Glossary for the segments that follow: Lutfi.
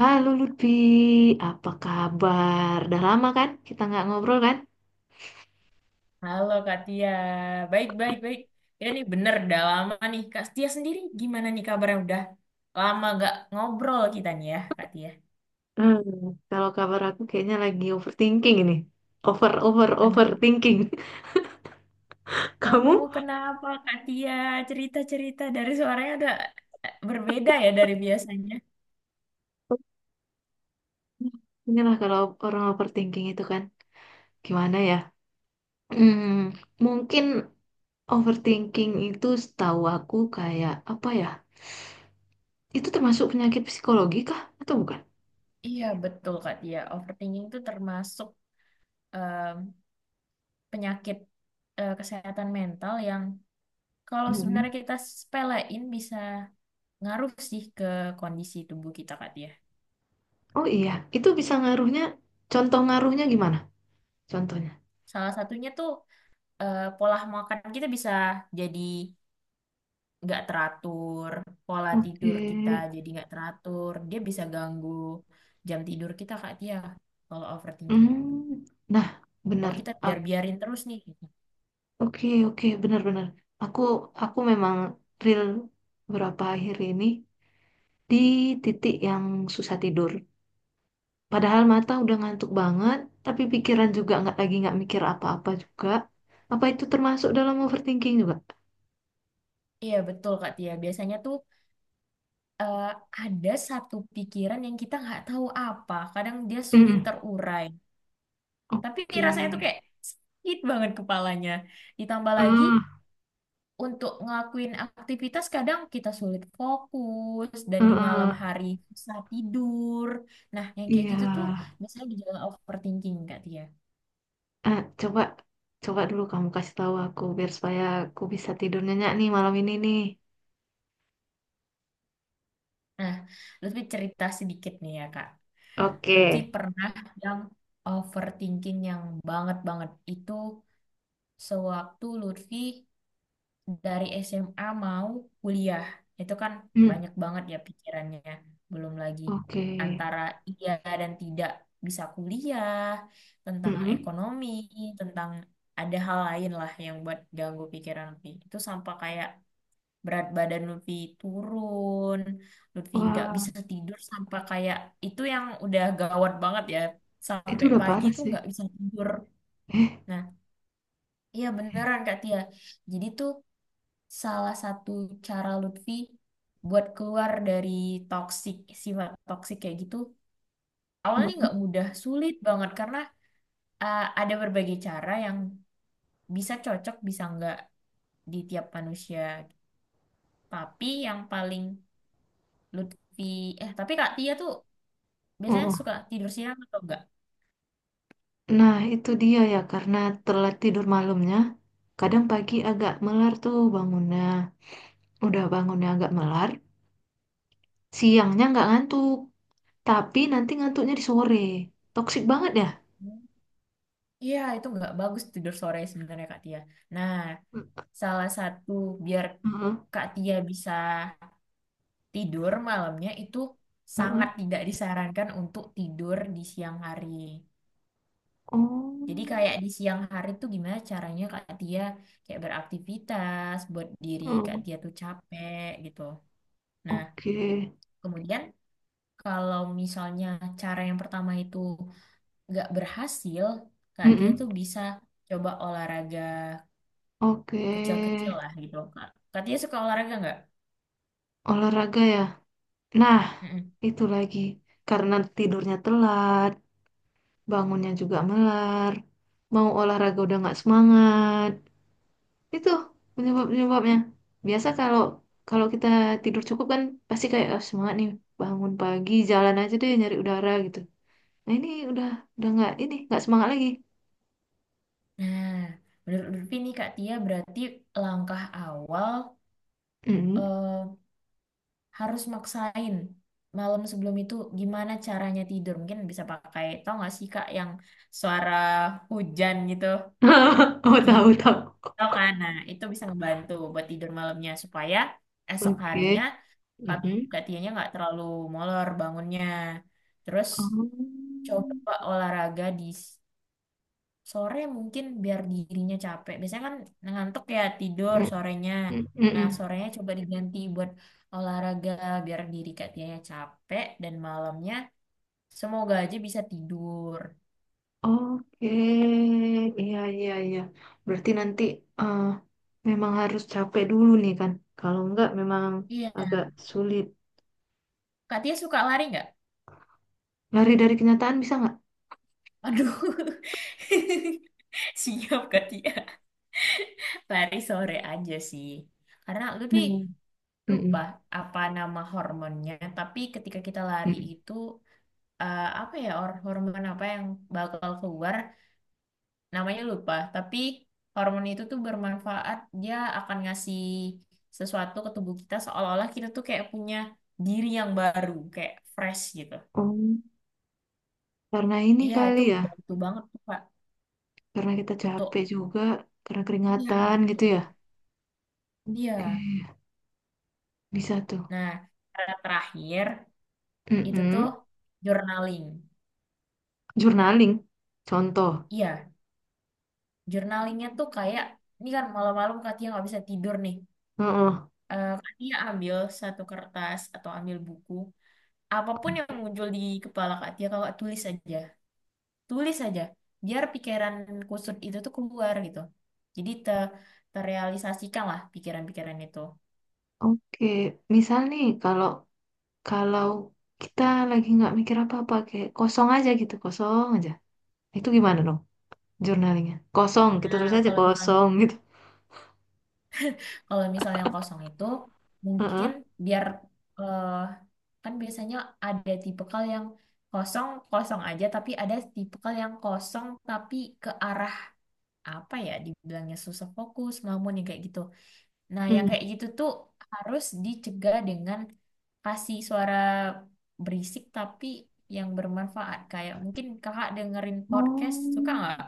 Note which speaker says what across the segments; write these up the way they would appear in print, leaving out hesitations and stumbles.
Speaker 1: Halo Lutfi, apa kabar? Udah lama kan? Kita nggak ngobrol kan?
Speaker 2: Halo Kak Tia, baik baik baik. Ya nih bener, udah lama nih. Kak Tia sendiri gimana nih kabarnya? Udah lama gak ngobrol kita nih ya Kak Tia.
Speaker 1: Hmm, Kalau kabar aku kayaknya lagi overthinking ini. Over, over,
Speaker 2: Aduh,
Speaker 1: Overthinking. Kamu?
Speaker 2: kamu kenapa Kak Tia? Cerita-cerita dari suaranya udah berbeda ya dari biasanya.
Speaker 1: Inilah kalau orang overthinking itu kan. Gimana ya? Hmm, Mungkin overthinking itu setahu aku kayak apa ya? Itu termasuk penyakit psikologi kah? Atau bukan?
Speaker 2: Iya betul Kak Tia, overthinking itu termasuk em, penyakit kesehatan mental yang kalau
Speaker 1: Mhm.
Speaker 2: sebenarnya kita sepelein bisa ngaruh sih ke kondisi tubuh kita Kak Tia.
Speaker 1: Oh iya, itu bisa ngaruhnya. Contoh ngaruhnya gimana? Contohnya.
Speaker 2: Salah satunya tuh pola makan kita bisa jadi nggak teratur, pola
Speaker 1: Oke.
Speaker 2: tidur kita jadi nggak teratur, dia bisa ganggu jam tidur kita Kak Tia kalau overthinking.
Speaker 1: Hmm, nah, benar.
Speaker 2: Kalau kita
Speaker 1: Ah,
Speaker 2: biar-biarin terus nih, gitu.
Speaker 1: oke, oke, benar-benar. Aku, aku memang real beberapa akhir ini di titik yang susah tidur. Padahal mata udah ngantuk banget, tapi pikiran juga nggak lagi nggak mikir apa-apa juga. Apa itu termasuk dalam overthinking juga?
Speaker 2: Iya betul Kak Tia, biasanya tuh eh, ada satu pikiran yang kita nggak tahu apa, kadang dia sulit
Speaker 1: Hmm,
Speaker 2: terurai. Tapi
Speaker 1: oke.
Speaker 2: rasanya tuh kayak sakit banget kepalanya. Ditambah lagi
Speaker 1: Ah,
Speaker 2: untuk ngelakuin aktivitas kadang kita sulit fokus, dan
Speaker 1: ah,
Speaker 2: di malam
Speaker 1: ah.
Speaker 2: hari susah tidur. Nah, yang kayak
Speaker 1: Iya.
Speaker 2: gitu tuh biasanya gejala overthinking Kak Tia.
Speaker 1: Ah, coba, coba dulu kamu kasih tahu aku biar supaya aku bisa tidur nyenyak nih malam ini nih.
Speaker 2: Nah, Lutfi cerita sedikit nih ya Kak. Lutfi
Speaker 1: Oke.
Speaker 2: pernah yang overthinking yang banget-banget itu sewaktu Lutfi dari SMA mau kuliah, itu kan
Speaker 1: Hmm.
Speaker 2: banyak banget ya pikirannya, belum lagi
Speaker 1: Oke.
Speaker 2: antara iya dan tidak bisa kuliah, tentang
Speaker 1: Mm-mm.
Speaker 2: ekonomi, tentang ada hal lain lah yang buat ganggu pikiran Lutfi. Itu sampai kayak berat badan Lutfi turun, Lutfi nggak
Speaker 1: Wah,
Speaker 2: bisa tidur sampai kayak itu yang udah gawat banget ya,
Speaker 1: itu
Speaker 2: sampai
Speaker 1: udah
Speaker 2: pagi
Speaker 1: parah
Speaker 2: tuh
Speaker 1: sih.
Speaker 2: nggak bisa tidur.
Speaker 1: Eh,
Speaker 2: Nah, iya beneran Kak Tia, jadi tuh salah satu cara Lutfi buat keluar dari toksik, sifat toksik kayak gitu awalnya
Speaker 1: Mm-mm.
Speaker 2: nggak mudah, sulit banget karena ada berbagai cara yang bisa cocok bisa nggak di tiap manusia. Tapi yang paling Lutfi, tapi Kak Tia tuh biasanya
Speaker 1: Mm.
Speaker 2: suka tidur siang atau enggak?
Speaker 1: Nah, itu dia ya, karena telat tidur malamnya. Kadang pagi agak melar tuh bangunnya. Udah bangunnya agak melar, siangnya nggak ngantuk. Tapi nanti ngantuknya di sore. Toksik banget ya?
Speaker 2: Iya itu nggak bagus tidur sore sebenarnya Kak Tia. Nah, salah satu biar
Speaker 1: Mm-mm.
Speaker 2: Kak Tia bisa tidur malamnya itu, sangat
Speaker 1: Mm.
Speaker 2: tidak disarankan untuk tidur di siang hari.
Speaker 1: Oh,
Speaker 2: Jadi kayak di siang hari tuh gimana caranya Kak Tia kayak beraktivitas buat diri Kak
Speaker 1: oh,
Speaker 2: Tia tuh capek gitu. Nah,
Speaker 1: oke.
Speaker 2: kemudian kalau misalnya cara yang pertama itu nggak berhasil, Kak Tia
Speaker 1: Mm-mm.
Speaker 2: tuh bisa coba olahraga
Speaker 1: Oke.
Speaker 2: kecil-kecil lah gitu. Kak, Kak Tia suka olahraga nggak?
Speaker 1: Olahraga ya. Nah,
Speaker 2: Mm-mm.
Speaker 1: itu lagi. Karena tidurnya telat, bangunnya juga melar, mau olahraga udah nggak semangat. Itu penyebab-penyebabnya. Biasa kalau kalau kita tidur cukup kan pasti kayak "Ah, semangat nih, bangun pagi jalan aja deh nyari udara gitu." Nah ini udah nggak semangat lagi.
Speaker 2: Nah, menurut Lutfi nih Kak Tia, berarti langkah awal
Speaker 1: Mm.
Speaker 2: eh, harus maksain malam sebelum itu gimana caranya tidur. Mungkin bisa pakai, tau gak sih Kak yang suara hujan gitu
Speaker 1: Oh,
Speaker 2: di,
Speaker 1: tahu tahu.
Speaker 2: tau kan? Nah, itu bisa ngebantu buat tidur malamnya supaya esok harinya
Speaker 1: Oke.
Speaker 2: kaki
Speaker 1: Mm-mm.
Speaker 2: kakinya nggak terlalu molor bangunnya. Terus
Speaker 1: Oh.
Speaker 2: coba olahraga di sore mungkin biar dirinya capek. Biasanya kan ngantuk ya tidur sorenya.
Speaker 1: Mm-mm.
Speaker 2: Nah,
Speaker 1: Mm-mm.
Speaker 2: sorenya coba diganti buat olahraga biar diri Katianya capek dan malamnya semoga aja bisa tidur.
Speaker 1: Oke, iya iya iya. Berarti nanti eh, memang harus capek dulu nih kan. Kalau enggak memang
Speaker 2: Iya.
Speaker 1: agak sulit.
Speaker 2: Katia suka lari nggak?
Speaker 1: Lari dari kenyataan bisa nggak?
Speaker 2: Aduh. Siap Katia. Lari sore aja sih. Karena
Speaker 1: Nah,
Speaker 2: lebih, lupa
Speaker 1: mm-mm,
Speaker 2: apa nama hormonnya, tapi ketika kita lari
Speaker 1: mm-mm.
Speaker 2: itu hormon apa yang bakal keluar, namanya lupa tapi hormon itu tuh bermanfaat, dia akan ngasih sesuatu ke tubuh kita seolah-olah kita tuh kayak punya diri yang baru kayak fresh gitu.
Speaker 1: Oh, karena ini
Speaker 2: Iya
Speaker 1: kali
Speaker 2: itu
Speaker 1: ya.
Speaker 2: bantu banget tuh Kak
Speaker 1: Karena kita capek
Speaker 2: untuk,
Speaker 1: juga, karena
Speaker 2: iya
Speaker 1: keringatan gitu
Speaker 2: betul,
Speaker 1: ya. Oke,
Speaker 2: iya.
Speaker 1: bisa tuh.
Speaker 2: Nah, cara terakhir itu tuh
Speaker 1: Mm-mm.
Speaker 2: journaling.
Speaker 1: Journaling, contoh.
Speaker 2: Iya, journalingnya tuh kayak, ini kan malam-malam Katia nggak bisa tidur nih.
Speaker 1: Heeh.
Speaker 2: Eh Katia ambil satu kertas atau ambil buku, apapun yang muncul di kepala Kak Tia, kakak tulis aja. Tulis aja biar pikiran kusut itu tuh keluar gitu, jadi terrealisasikan lah pikiran-pikiran itu.
Speaker 1: Oke, misal nih kalau kalau kita lagi nggak mikir apa-apa, kayak kosong aja gitu, kosong aja. Itu gimana dong jurnalnya? Kosong, kita
Speaker 2: Nah
Speaker 1: tulis aja
Speaker 2: kalau misalnya,
Speaker 1: kosong gitu.
Speaker 2: kalau misalnya kosong itu mungkin
Speaker 1: Heeh.
Speaker 2: biar eh, kan biasanya ada tipikal yang kosong kosong aja, tapi ada tipikal yang kosong tapi ke arah, apa ya dibilangnya, susah fokus ngelamun yang kayak gitu. Nah, yang
Speaker 1: Hmm.
Speaker 2: kayak gitu tuh harus dicegah dengan kasih suara berisik tapi yang bermanfaat. Kayak mungkin kakak dengerin podcast, suka nggak?
Speaker 1: Oh.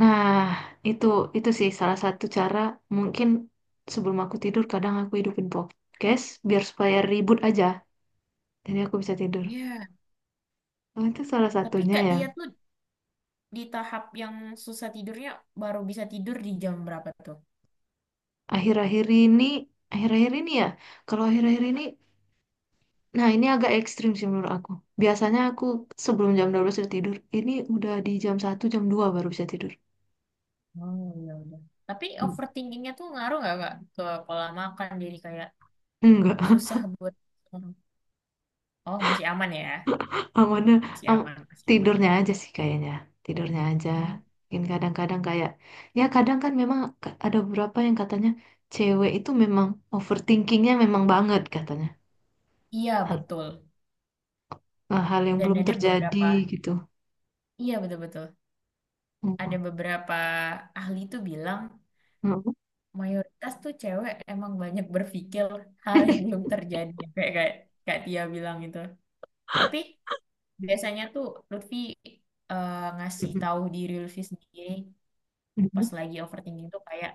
Speaker 1: Nah, itu itu sih salah satu cara mungkin sebelum aku tidur kadang aku hidupin podcast biar supaya ribut aja. Jadi aku bisa tidur.
Speaker 2: Iya.
Speaker 1: Oh, itu salah
Speaker 2: Tapi
Speaker 1: satunya
Speaker 2: Kak
Speaker 1: ya.
Speaker 2: Tia tuh di tahap yang susah tidurnya baru bisa tidur di jam berapa tuh?
Speaker 1: Akhir-akhir ini, Akhir-akhir ini ya. Kalau akhir-akhir ini, nah, ini agak ekstrim sih menurut aku. Biasanya aku sebelum jam 12 sudah tidur. Ini udah di jam satu jam dua baru bisa tidur.
Speaker 2: Oh, ya udah. Tapi
Speaker 1: Hmm.
Speaker 2: overthinkingnya tuh ngaruh nggak Kak ke pola makan jadi kayak
Speaker 1: Enggak,
Speaker 2: susah buat, oh, masih aman ya.
Speaker 1: amannya
Speaker 2: Masih
Speaker 1: am
Speaker 2: aman, masih aman.
Speaker 1: tidurnya aja sih kayaknya. Tidurnya aja.
Speaker 2: Hmm.
Speaker 1: Mungkin kadang-kadang kayak, ya kadang kan memang ada beberapa yang katanya cewek itu memang overthinkingnya memang banget katanya.
Speaker 2: Iya,
Speaker 1: Hal,
Speaker 2: betul.
Speaker 1: Hal yang
Speaker 2: Dan
Speaker 1: belum
Speaker 2: ada
Speaker 1: terjadi
Speaker 2: beberapa,
Speaker 1: gitu.
Speaker 2: iya betul-betul. Ada
Speaker 1: Mm-mm.
Speaker 2: beberapa ahli tuh bilang
Speaker 1: Mm-mm.
Speaker 2: mayoritas tuh cewek emang banyak berpikir hal yang belum terjadi ya, kayak kayak Kak Tia bilang itu. Tapi biasanya tuh Lutfi ngasih tahu diri Lutfi sendiri
Speaker 1: Mm-mm.
Speaker 2: pas
Speaker 1: Mm-mm.
Speaker 2: lagi overthinking tuh kayak,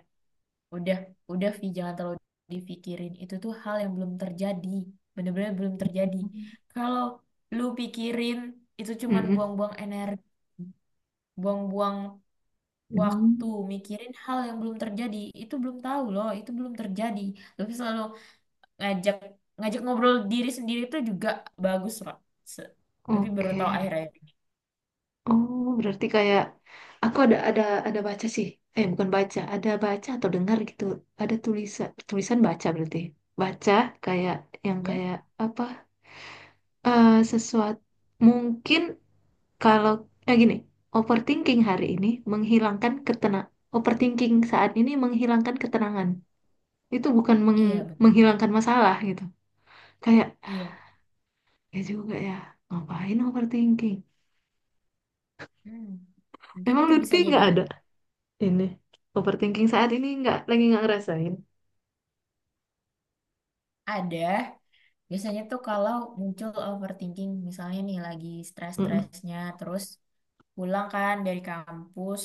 Speaker 2: udah udah Vi jangan terlalu dipikirin, itu tuh hal yang belum terjadi, bener-bener belum terjadi. Kalau lu pikirin itu cuman
Speaker 1: Mm-mm.
Speaker 2: buang-buang energi, buang-buang waktu
Speaker 1: Mm-mm.
Speaker 2: mikirin hal yang belum terjadi, itu belum tahu loh, itu belum terjadi. Tapi selalu ngajak, ngobrol diri sendiri itu juga bagus loh. Se- tapi baru
Speaker 1: Oke.
Speaker 2: tahu akhir-akhir ini
Speaker 1: Oh, berarti kayak aku ada ada baca sih. Eh, bukan baca, ada baca atau dengar gitu. Ada tulisan tulisan baca berarti. Baca kayak yang
Speaker 2: ya,
Speaker 1: kayak apa? Eh, sesuatu mungkin kalau eh gini, overthinking hari ini menghilangkan overthinking saat ini menghilangkan ketenangan. Itu bukan
Speaker 2: iya betul,
Speaker 1: menghilangkan masalah gitu. Kayak
Speaker 2: iya.
Speaker 1: ya juga ya. Ngapain overthinking?
Speaker 2: Hmm. Mungkin
Speaker 1: Emang
Speaker 2: itu bisa
Speaker 1: Lutfi
Speaker 2: jadi,
Speaker 1: nggak ada ini overthinking saat ini nggak lagi nggak ngerasain.
Speaker 2: ada, biasanya tuh kalau muncul overthinking misalnya nih lagi
Speaker 1: Mm-mm.
Speaker 2: stres-stresnya, terus pulang kan dari kampus,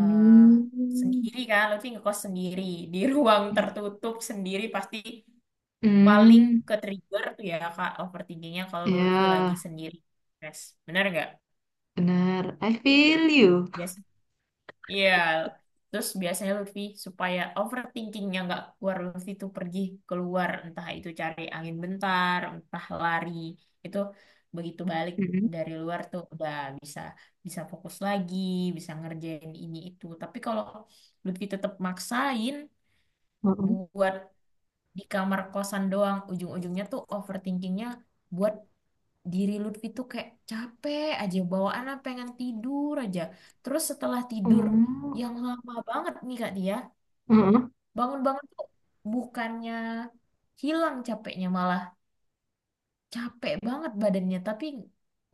Speaker 2: eh, sendiri kan Lutfi ngekos sendiri, di ruang tertutup sendiri pasti paling
Speaker 1: Hmm.
Speaker 2: ke trigger tuh ya kak overthinkingnya kalau Lutfi lagi
Speaker 1: Ya,
Speaker 2: sendiri stres, benar nggak?
Speaker 1: benar. I
Speaker 2: Nah
Speaker 1: feel you.
Speaker 2: biasa, iya. Terus biasanya Lutfi supaya overthinkingnya nggak keluar, Lutfi tuh pergi keluar, entah itu cari angin bentar entah lari itu. Begitu balik
Speaker 1: Hmm.
Speaker 2: dari luar tuh udah bisa, fokus lagi, bisa ngerjain ini itu. Tapi kalau Lutfi tetap maksain
Speaker 1: Mm-mm.
Speaker 2: buat di kamar kosan doang, ujung-ujungnya tuh overthinkingnya buat diri Lutfi tuh kayak capek aja bawaan lah, pengen tidur aja. Terus setelah tidur
Speaker 1: Mm.
Speaker 2: yang lama banget nih Kak, dia
Speaker 1: Mm-mm.
Speaker 2: bangun-bangun tuh bukannya hilang capeknya, malah capek banget badannya tapi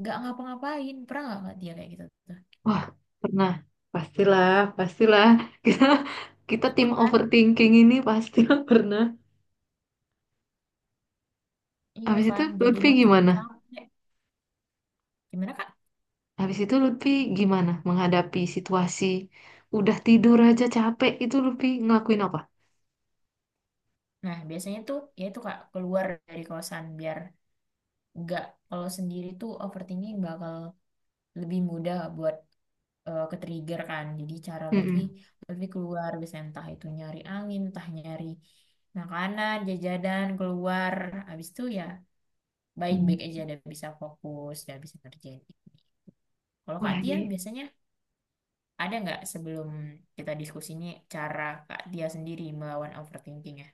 Speaker 2: nggak ngapa-ngapain. Pernah nggak Kak Tia kayak gitu tuh?
Speaker 1: Wah, pernah. Pastilah, pastilah. Kita, Kita
Speaker 2: Iya
Speaker 1: tim
Speaker 2: kan,
Speaker 1: overthinking ini pastilah pernah.
Speaker 2: iya
Speaker 1: Habis itu
Speaker 2: kan, jadi
Speaker 1: Lutfi
Speaker 2: makin
Speaker 1: gimana?
Speaker 2: capek. Gimana Kak?
Speaker 1: Habis itu Lutfi gimana menghadapi situasi udah tidur aja capek itu Lutfi ngelakuin apa?
Speaker 2: Nah biasanya tuh ya itu Kak, keluar dari kosan biar nggak, kalau sendiri tuh overthinking bakal lebih mudah buat ke-trigger kan. Jadi cara Lutfi,
Speaker 1: Mm-mm.
Speaker 2: Lutfi keluar biasanya entah itu nyari angin, entah nyari makanan, jajanan, keluar. Habis itu ya baik-baik
Speaker 1: Hmm.
Speaker 2: aja, udah bisa fokus, udah bisa ngerjain ini. Kalau
Speaker 1: Wah,
Speaker 2: Kak Tia
Speaker 1: ini
Speaker 2: biasanya ada nggak sebelum kita diskusinya, cara Kak Tia sendiri melawan overthinking ya?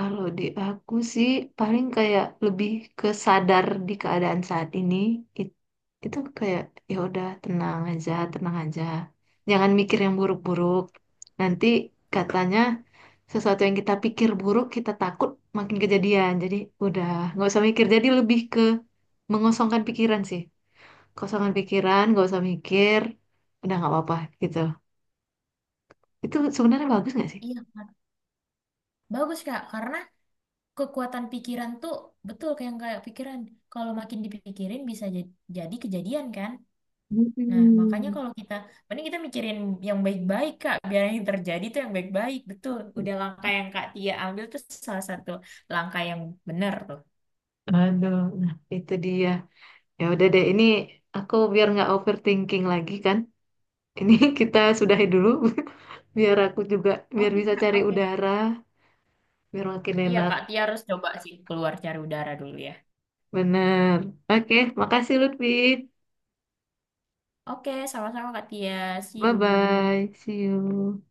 Speaker 1: kalau di aku sih paling kayak lebih ke sadar di keadaan saat ini. It- itu kayak ya udah tenang aja, tenang aja. Jangan mikir yang buruk-buruk. Nanti katanya sesuatu yang kita pikir buruk, kita takut makin kejadian. Jadi udah nggak usah mikir. Jadi lebih ke mengosongkan pikiran sih. Kosongan pikiran, nggak usah mikir. Udah nggak apa-apa gitu. Itu sebenarnya bagus nggak sih?
Speaker 2: Iya, Kak. Bagus Kak, karena kekuatan pikiran tuh betul kayak yang kayak pikiran. Kalau makin dipikirin bisa jadi kejadian kan? Nah, makanya
Speaker 1: Hmm.
Speaker 2: kalau kita, mending kita mikirin yang baik-baik, Kak. Biar yang terjadi tuh yang baik-baik, betul. Udah langkah yang Kak Tia ambil tuh salah satu langkah yang benar tuh.
Speaker 1: Aduh, nah itu dia. Ya udah deh, ini aku biar nggak overthinking lagi kan. Ini kita sudahi dulu, biar aku juga biar
Speaker 2: Oke,
Speaker 1: bisa
Speaker 2: Kak.
Speaker 1: cari
Speaker 2: Oke.
Speaker 1: udara, biar makin
Speaker 2: Iya,
Speaker 1: enak.
Speaker 2: Kak Tia harus coba sih keluar cari udara dulu ya.
Speaker 1: Bener. Oke, makasih Lutfi.
Speaker 2: Oke, sama-sama Kak Tia. See
Speaker 1: Bye
Speaker 2: you.
Speaker 1: bye. See you.